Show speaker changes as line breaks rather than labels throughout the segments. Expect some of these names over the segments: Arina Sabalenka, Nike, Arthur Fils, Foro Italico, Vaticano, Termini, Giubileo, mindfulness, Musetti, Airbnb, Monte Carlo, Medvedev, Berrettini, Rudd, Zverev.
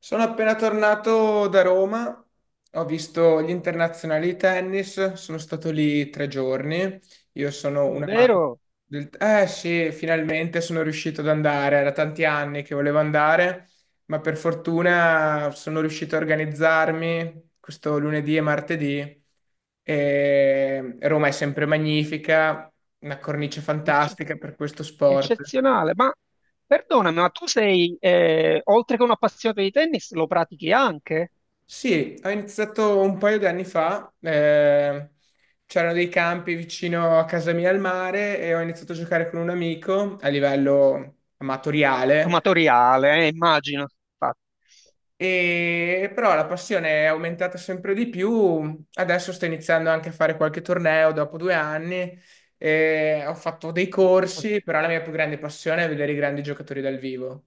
Sono appena tornato da Roma, ho visto gli internazionali di tennis, sono stato lì 3 giorni. Io sono un amante
Davvero
del... Eh sì, finalmente sono riuscito ad andare, era tanti anni che volevo andare, ma per fortuna sono riuscito a organizzarmi questo lunedì e martedì. E Roma è sempre magnifica, una cornice
ecce-
fantastica per questo sport.
eccezionale. Ma perdonami, ma tu sei, oltre che un appassionato di tennis, lo pratichi anche?
Sì, ho iniziato un paio di anni fa, c'erano dei campi vicino a casa mia al mare e ho iniziato a giocare con un amico a livello amatoriale,
Amatoriale, immagino. Infatti.
e, però la passione è aumentata sempre di più, adesso sto iniziando anche a fare qualche torneo dopo 2 anni, e ho fatto dei corsi, però la mia più grande passione è vedere i grandi giocatori dal vivo.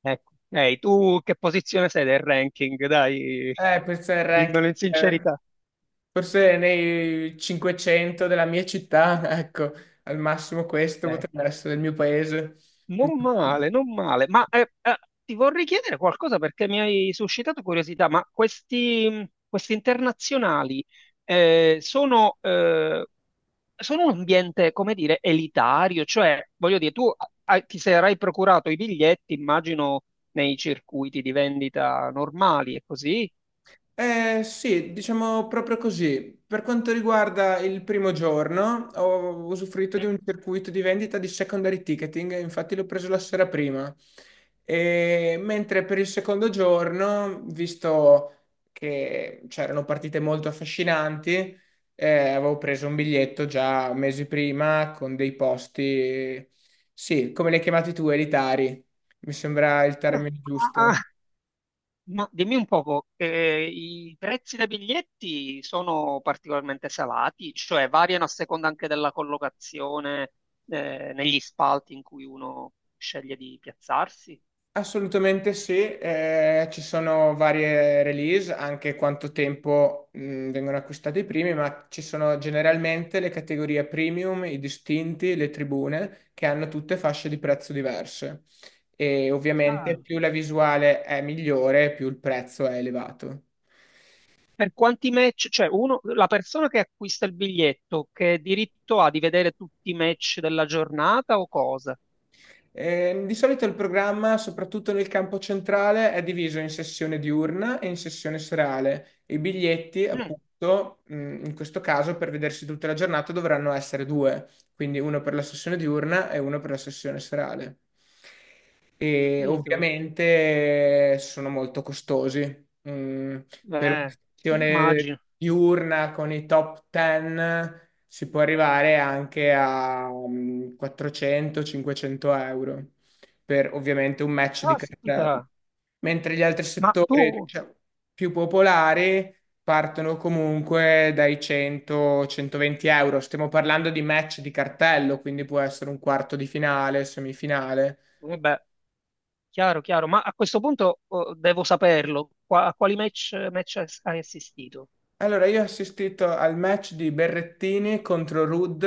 Ecco. Ehi, tu che posizione sei del ranking? Dai,
Questo è il ranking.
dimmelo in
Eh.
sincerità.
Forse nei 500 della mia città, ecco, al massimo questo
Eh.
potrebbe essere il mio paese.
Non male, non male, ma ti vorrei chiedere qualcosa perché mi hai suscitato curiosità, ma questi internazionali eh, sono, eh, sono un ambiente, come dire, elitario, cioè, voglio dire, tu ti sarai procurato i biglietti, immagino, nei circuiti di vendita normali e così.
Sì, diciamo proprio così. Per quanto riguarda il primo giorno, ho usufruito
Sì.
di un circuito di vendita di secondary ticketing, infatti l'ho preso la sera prima. E mentre per il secondo giorno, visto che c'erano partite molto affascinanti, avevo preso un biglietto già mesi prima con dei posti, sì, come li hai chiamati tu, elitari. Mi sembra il termine giusto.
Ah, ma dimmi un poco, i prezzi dei biglietti sono particolarmente salati, cioè variano a seconda anche della collocazione, negli spalti in cui uno sceglie di piazzarsi.
Assolutamente sì, ci sono varie release, anche quanto tempo vengono acquistati i primi, ma ci sono generalmente le categorie premium, i distinti, le tribune, che hanno tutte fasce di prezzo diverse. E ovviamente
Chiaro.
più la visuale è migliore, più il prezzo è elevato.
Per quanti match, cioè uno, la persona che acquista il biglietto, che diritto ha di vedere tutti i match della giornata o cosa?
Di solito il programma, soprattutto nel campo centrale, è diviso in sessione diurna e in sessione serale. I biglietti,
Mm,
appunto, in questo caso per vedersi tutta la giornata dovranno essere due, quindi uno per la sessione diurna e uno per la sessione serale. E
capito?
ovviamente sono molto costosi. Per una
Eh,
sessione
immagino.
diurna con i top 10 si può arrivare anche a 400-500 euro per ovviamente un match di
Caspita,
cartelli, mentre gli altri
ma
settori,
tu,
diciamo, più popolari partono comunque dai 100-120 euro. Stiamo parlando di match di cartello, quindi può essere un quarto di finale, semifinale.
vabbè, chiaro, chiaro, ma a questo punto oh, devo saperlo. A quali match, hai assistito?
Allora, io ho assistito al match di Berrettini contro Rudd,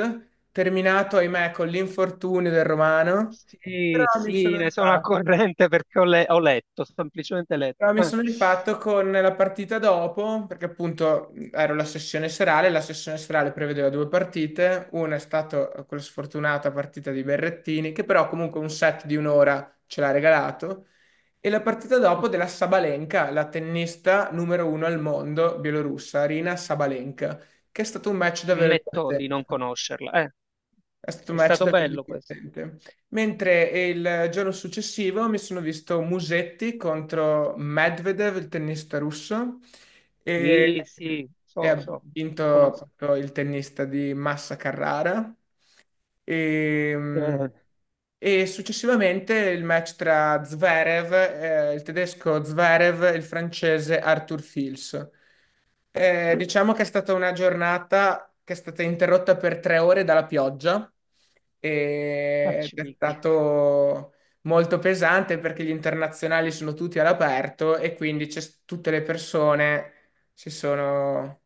terminato, ahimè, con l'infortunio del Romano,
Sì,
però mi
sì,
sono
ne sono a
rifatto.
corrente perché ho letto, semplicemente
No,
letto.
mi sono rifatto con la partita dopo, perché appunto ero la sessione serale prevedeva due partite, una è stata quella sfortunata partita di Berrettini, che però comunque un set di un'ora ce l'ha regalato, e la partita dopo della Sabalenka, la tennista numero uno al mondo bielorussa, Arina Sabalenka, che è stato un match davvero
Ammetto di non
divertente.
conoscerla.
È stato un
È
match
stato
davvero
bello questo.
divertente. Mentre il giorno successivo mi sono visto Musetti contro Medvedev, il tennista russo, e,
Sì, sì,
e
so,
ha
so,
vinto
conosco.
proprio il tennista di Massa Carrara. E,
Eh,
e successivamente il match tra Zverev, il tedesco Zverev e il francese Arthur Fils. Diciamo che è stata una giornata che è stata interrotta per 3 ore dalla pioggia ed
facci
è
picchi.
stato molto pesante perché gli internazionali sono tutti all'aperto e quindi tutte le persone si sono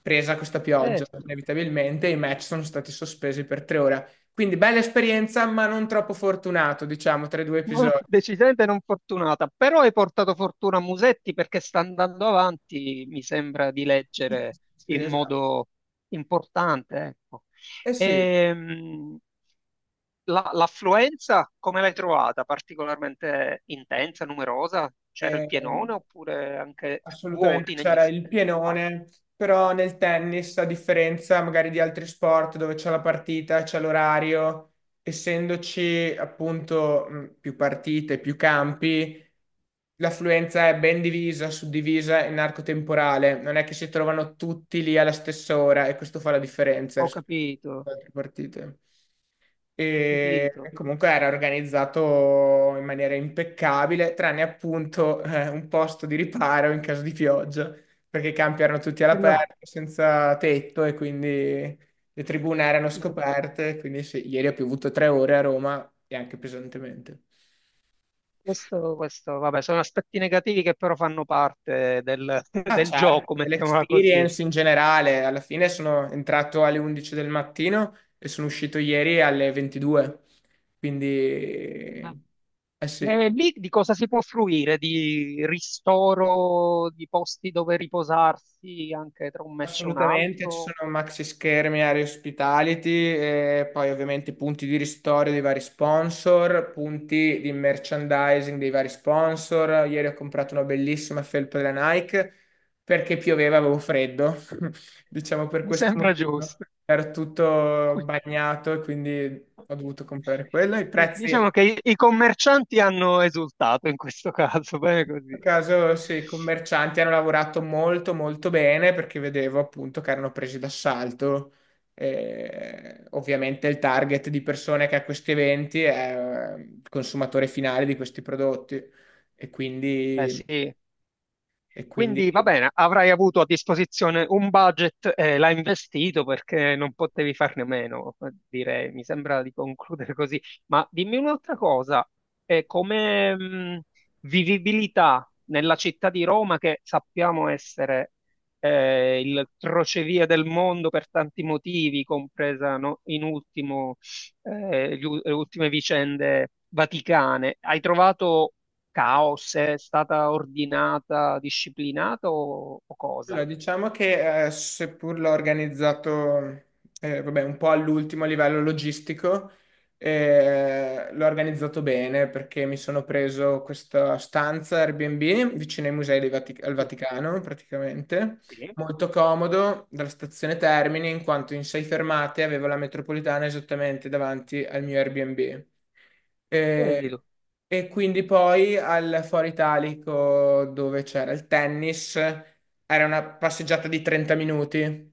presa questa pioggia
Certo.
inevitabilmente e i match sono stati sospesi per 3 ore. Quindi bella esperienza, ma non troppo fortunato, diciamo, tra i due
No,
episodi.
decisamente non fortunata, però hai portato fortuna a Musetti perché sta andando avanti, mi sembra di leggere
Sì,
in
esatto.
modo importante, ecco.
Eh sì,
Ehm, l'affluenza come l'hai trovata? Particolarmente intensa, numerosa? C'era il
ehm,
pienone oppure anche
assolutamente
vuoti negli
c'era il
spazi?
pienone, però nel tennis, a differenza magari di altri sport dove c'è la partita, c'è l'orario, essendoci appunto più partite, più campi, l'affluenza è ben divisa, suddivisa in arco temporale, non è che si trovano tutti lì alla stessa ora e questo fa la differenza
Ho
rispetto
capito,
ad altre partite.
ho
E
capito.
comunque era organizzato in maniera impeccabile, tranne appunto un posto di riparo in caso di pioggia, perché i campi erano tutti
Quello-
all'aperto, senza tetto e quindi le tribune erano scoperte, quindi sì, ieri ha piovuto 3 ore a Roma e anche pesantemente.
questo, vabbè, sono aspetti negativi che però fanno parte del,
Ah,
del gioco,
certo,
mettiamola così.
l'esperience in generale, alla fine sono entrato alle 11 del mattino e sono uscito ieri alle 22, quindi
Ma-
eh
E
sì,
lì di cosa si può fruire? Di ristoro, di posti dove riposarsi anche tra un match e un
assolutamente ci
altro?
sono maxi schermi, area hospitality, e poi ovviamente punti di ristoro dei vari sponsor, punti di merchandising dei vari sponsor. Ieri ho comprato una bellissima felpa della Nike perché pioveva, avevo freddo. Diciamo per
Mi
questo
sembra
motivo
giusto.
era tutto
Qui-
bagnato e quindi ho dovuto comprare quello. I prezzi, in
Diciamo che i commercianti hanno esultato in questo caso, bene
questo
così.
caso, sì, i commercianti hanno lavorato molto molto bene perché vedevo appunto che erano presi d'assalto. Ovviamente il target di persone che a questi eventi è il consumatore finale di questi prodotti e
Eh
quindi,
sì,
e quindi.
quindi va bene, avrai avuto a disposizione un budget e l'hai investito perché non potevi farne a meno, direi, mi sembra di concludere così. Ma dimmi un'altra cosa, come vivibilità nella città di Roma, che sappiamo essere il crocevia del mondo per tanti motivi, compresa no, in ultimo le ultime vicende vaticane, hai trovato caos? È stata ordinata, disciplinata o cosa?
Allora, diciamo che seppur l'ho organizzato vabbè, un po' all'ultimo a livello logistico, l'ho organizzato bene perché mi sono preso questa stanza Airbnb vicino ai musei dei al
Sì,
Vaticano, praticamente,
sì.
molto comodo dalla stazione Termini, in quanto in 6 fermate avevo la metropolitana esattamente davanti al mio Airbnb. E,
Prendilo.
e quindi poi al Foro Italico dove c'era il tennis era una passeggiata di 30 minuti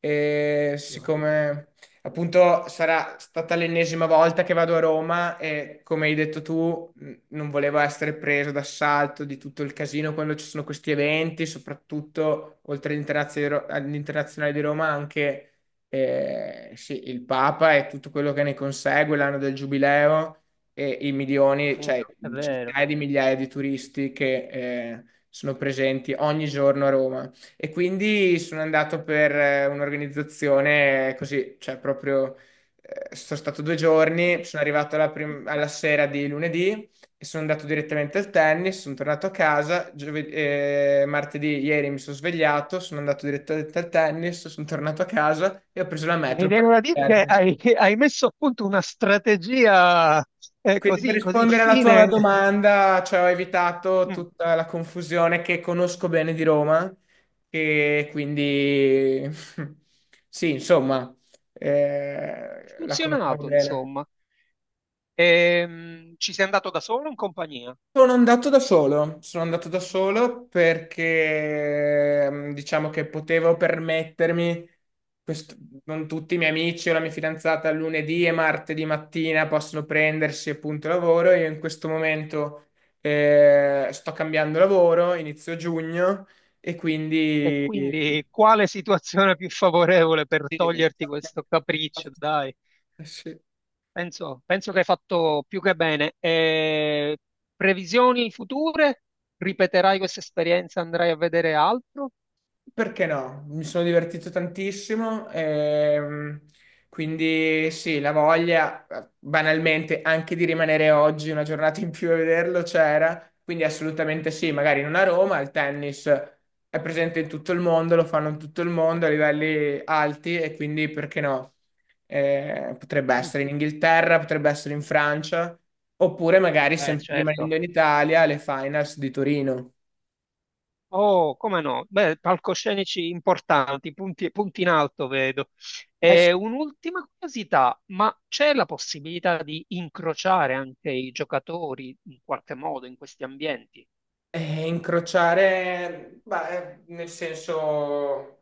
e
No, è
siccome appunto sarà stata l'ennesima volta che vado a Roma e come hai detto tu non volevo essere preso d'assalto di tutto il casino quando ci sono questi eventi, soprattutto oltre all'Internazionale di Roma anche sì, il Papa e tutto quello che ne consegue, l'anno del Giubileo e i milioni, cioè
vero, è vero.
centinaia di migliaia di turisti che eh, sono presenti ogni giorno a Roma e quindi sono andato per un'organizzazione così, cioè proprio sono stato 2 giorni, sono arrivato alla sera di lunedì e sono andato direttamente al tennis, sono tornato a casa, martedì ieri mi sono svegliato, sono andato direttamente al tennis, sono tornato a casa e ho preso la
Mi
metro per.
viene da dire che hai messo a punto una strategia
Quindi per
così, così
rispondere alla tua
fine.
domanda, cioè ho evitato
Mm. Ha
tutta la confusione che conosco bene di Roma, e quindi sì, insomma, la conosco
funzionato,
bene.
insomma. Ci sei andato da solo o in compagnia?
Sono andato da solo, sono andato da solo perché diciamo che potevo permettermi, questo- non tutti i miei amici o la mia fidanzata lunedì e martedì mattina possono prendersi appunto lavoro, io in questo momento sto cambiando lavoro, inizio giugno e
E
quindi
quindi quale situazione più favorevole per
sì,
toglierti
diciamo che-
questo capriccio, dai?
sì.
Penso che hai fatto più che bene. E previsioni future? Ripeterai questa esperienza? Andrai a vedere altro?
Perché no? Mi sono divertito tantissimo, quindi sì, la voglia banalmente anche di rimanere oggi una giornata in più a vederlo c'era, quindi assolutamente sì, magari non a Roma, il tennis è presente in tutto il mondo, lo fanno in tutto il mondo a livelli alti e quindi perché no? Potrebbe
Mm,
essere in Inghilterra, potrebbe essere in Francia, oppure magari
beh,
sempre rimanendo
certo.
in Italia, le finals di Torino.
Oh, come no? Beh, palcoscenici importanti, punti, punti in alto, vedo. E un'ultima curiosità, ma c'è la possibilità di incrociare anche i giocatori in qualche modo in questi ambienti?
Incrociare, beh, nel senso,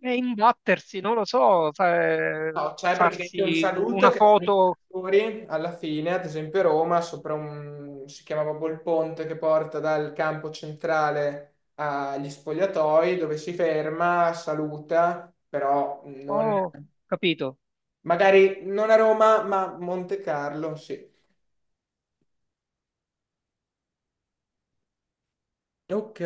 E imbattersi, non lo so,
no, c'è praticamente un
farsi
saluto
una
che danno i
foto...
giocatori alla fine, ad esempio Roma, sopra un, si chiama proprio il ponte che porta dal campo centrale agli spogliatoi, dove si ferma, saluta, però non,
Oh, capito?
magari non a Roma, ma Monte Carlo, sì. Ok.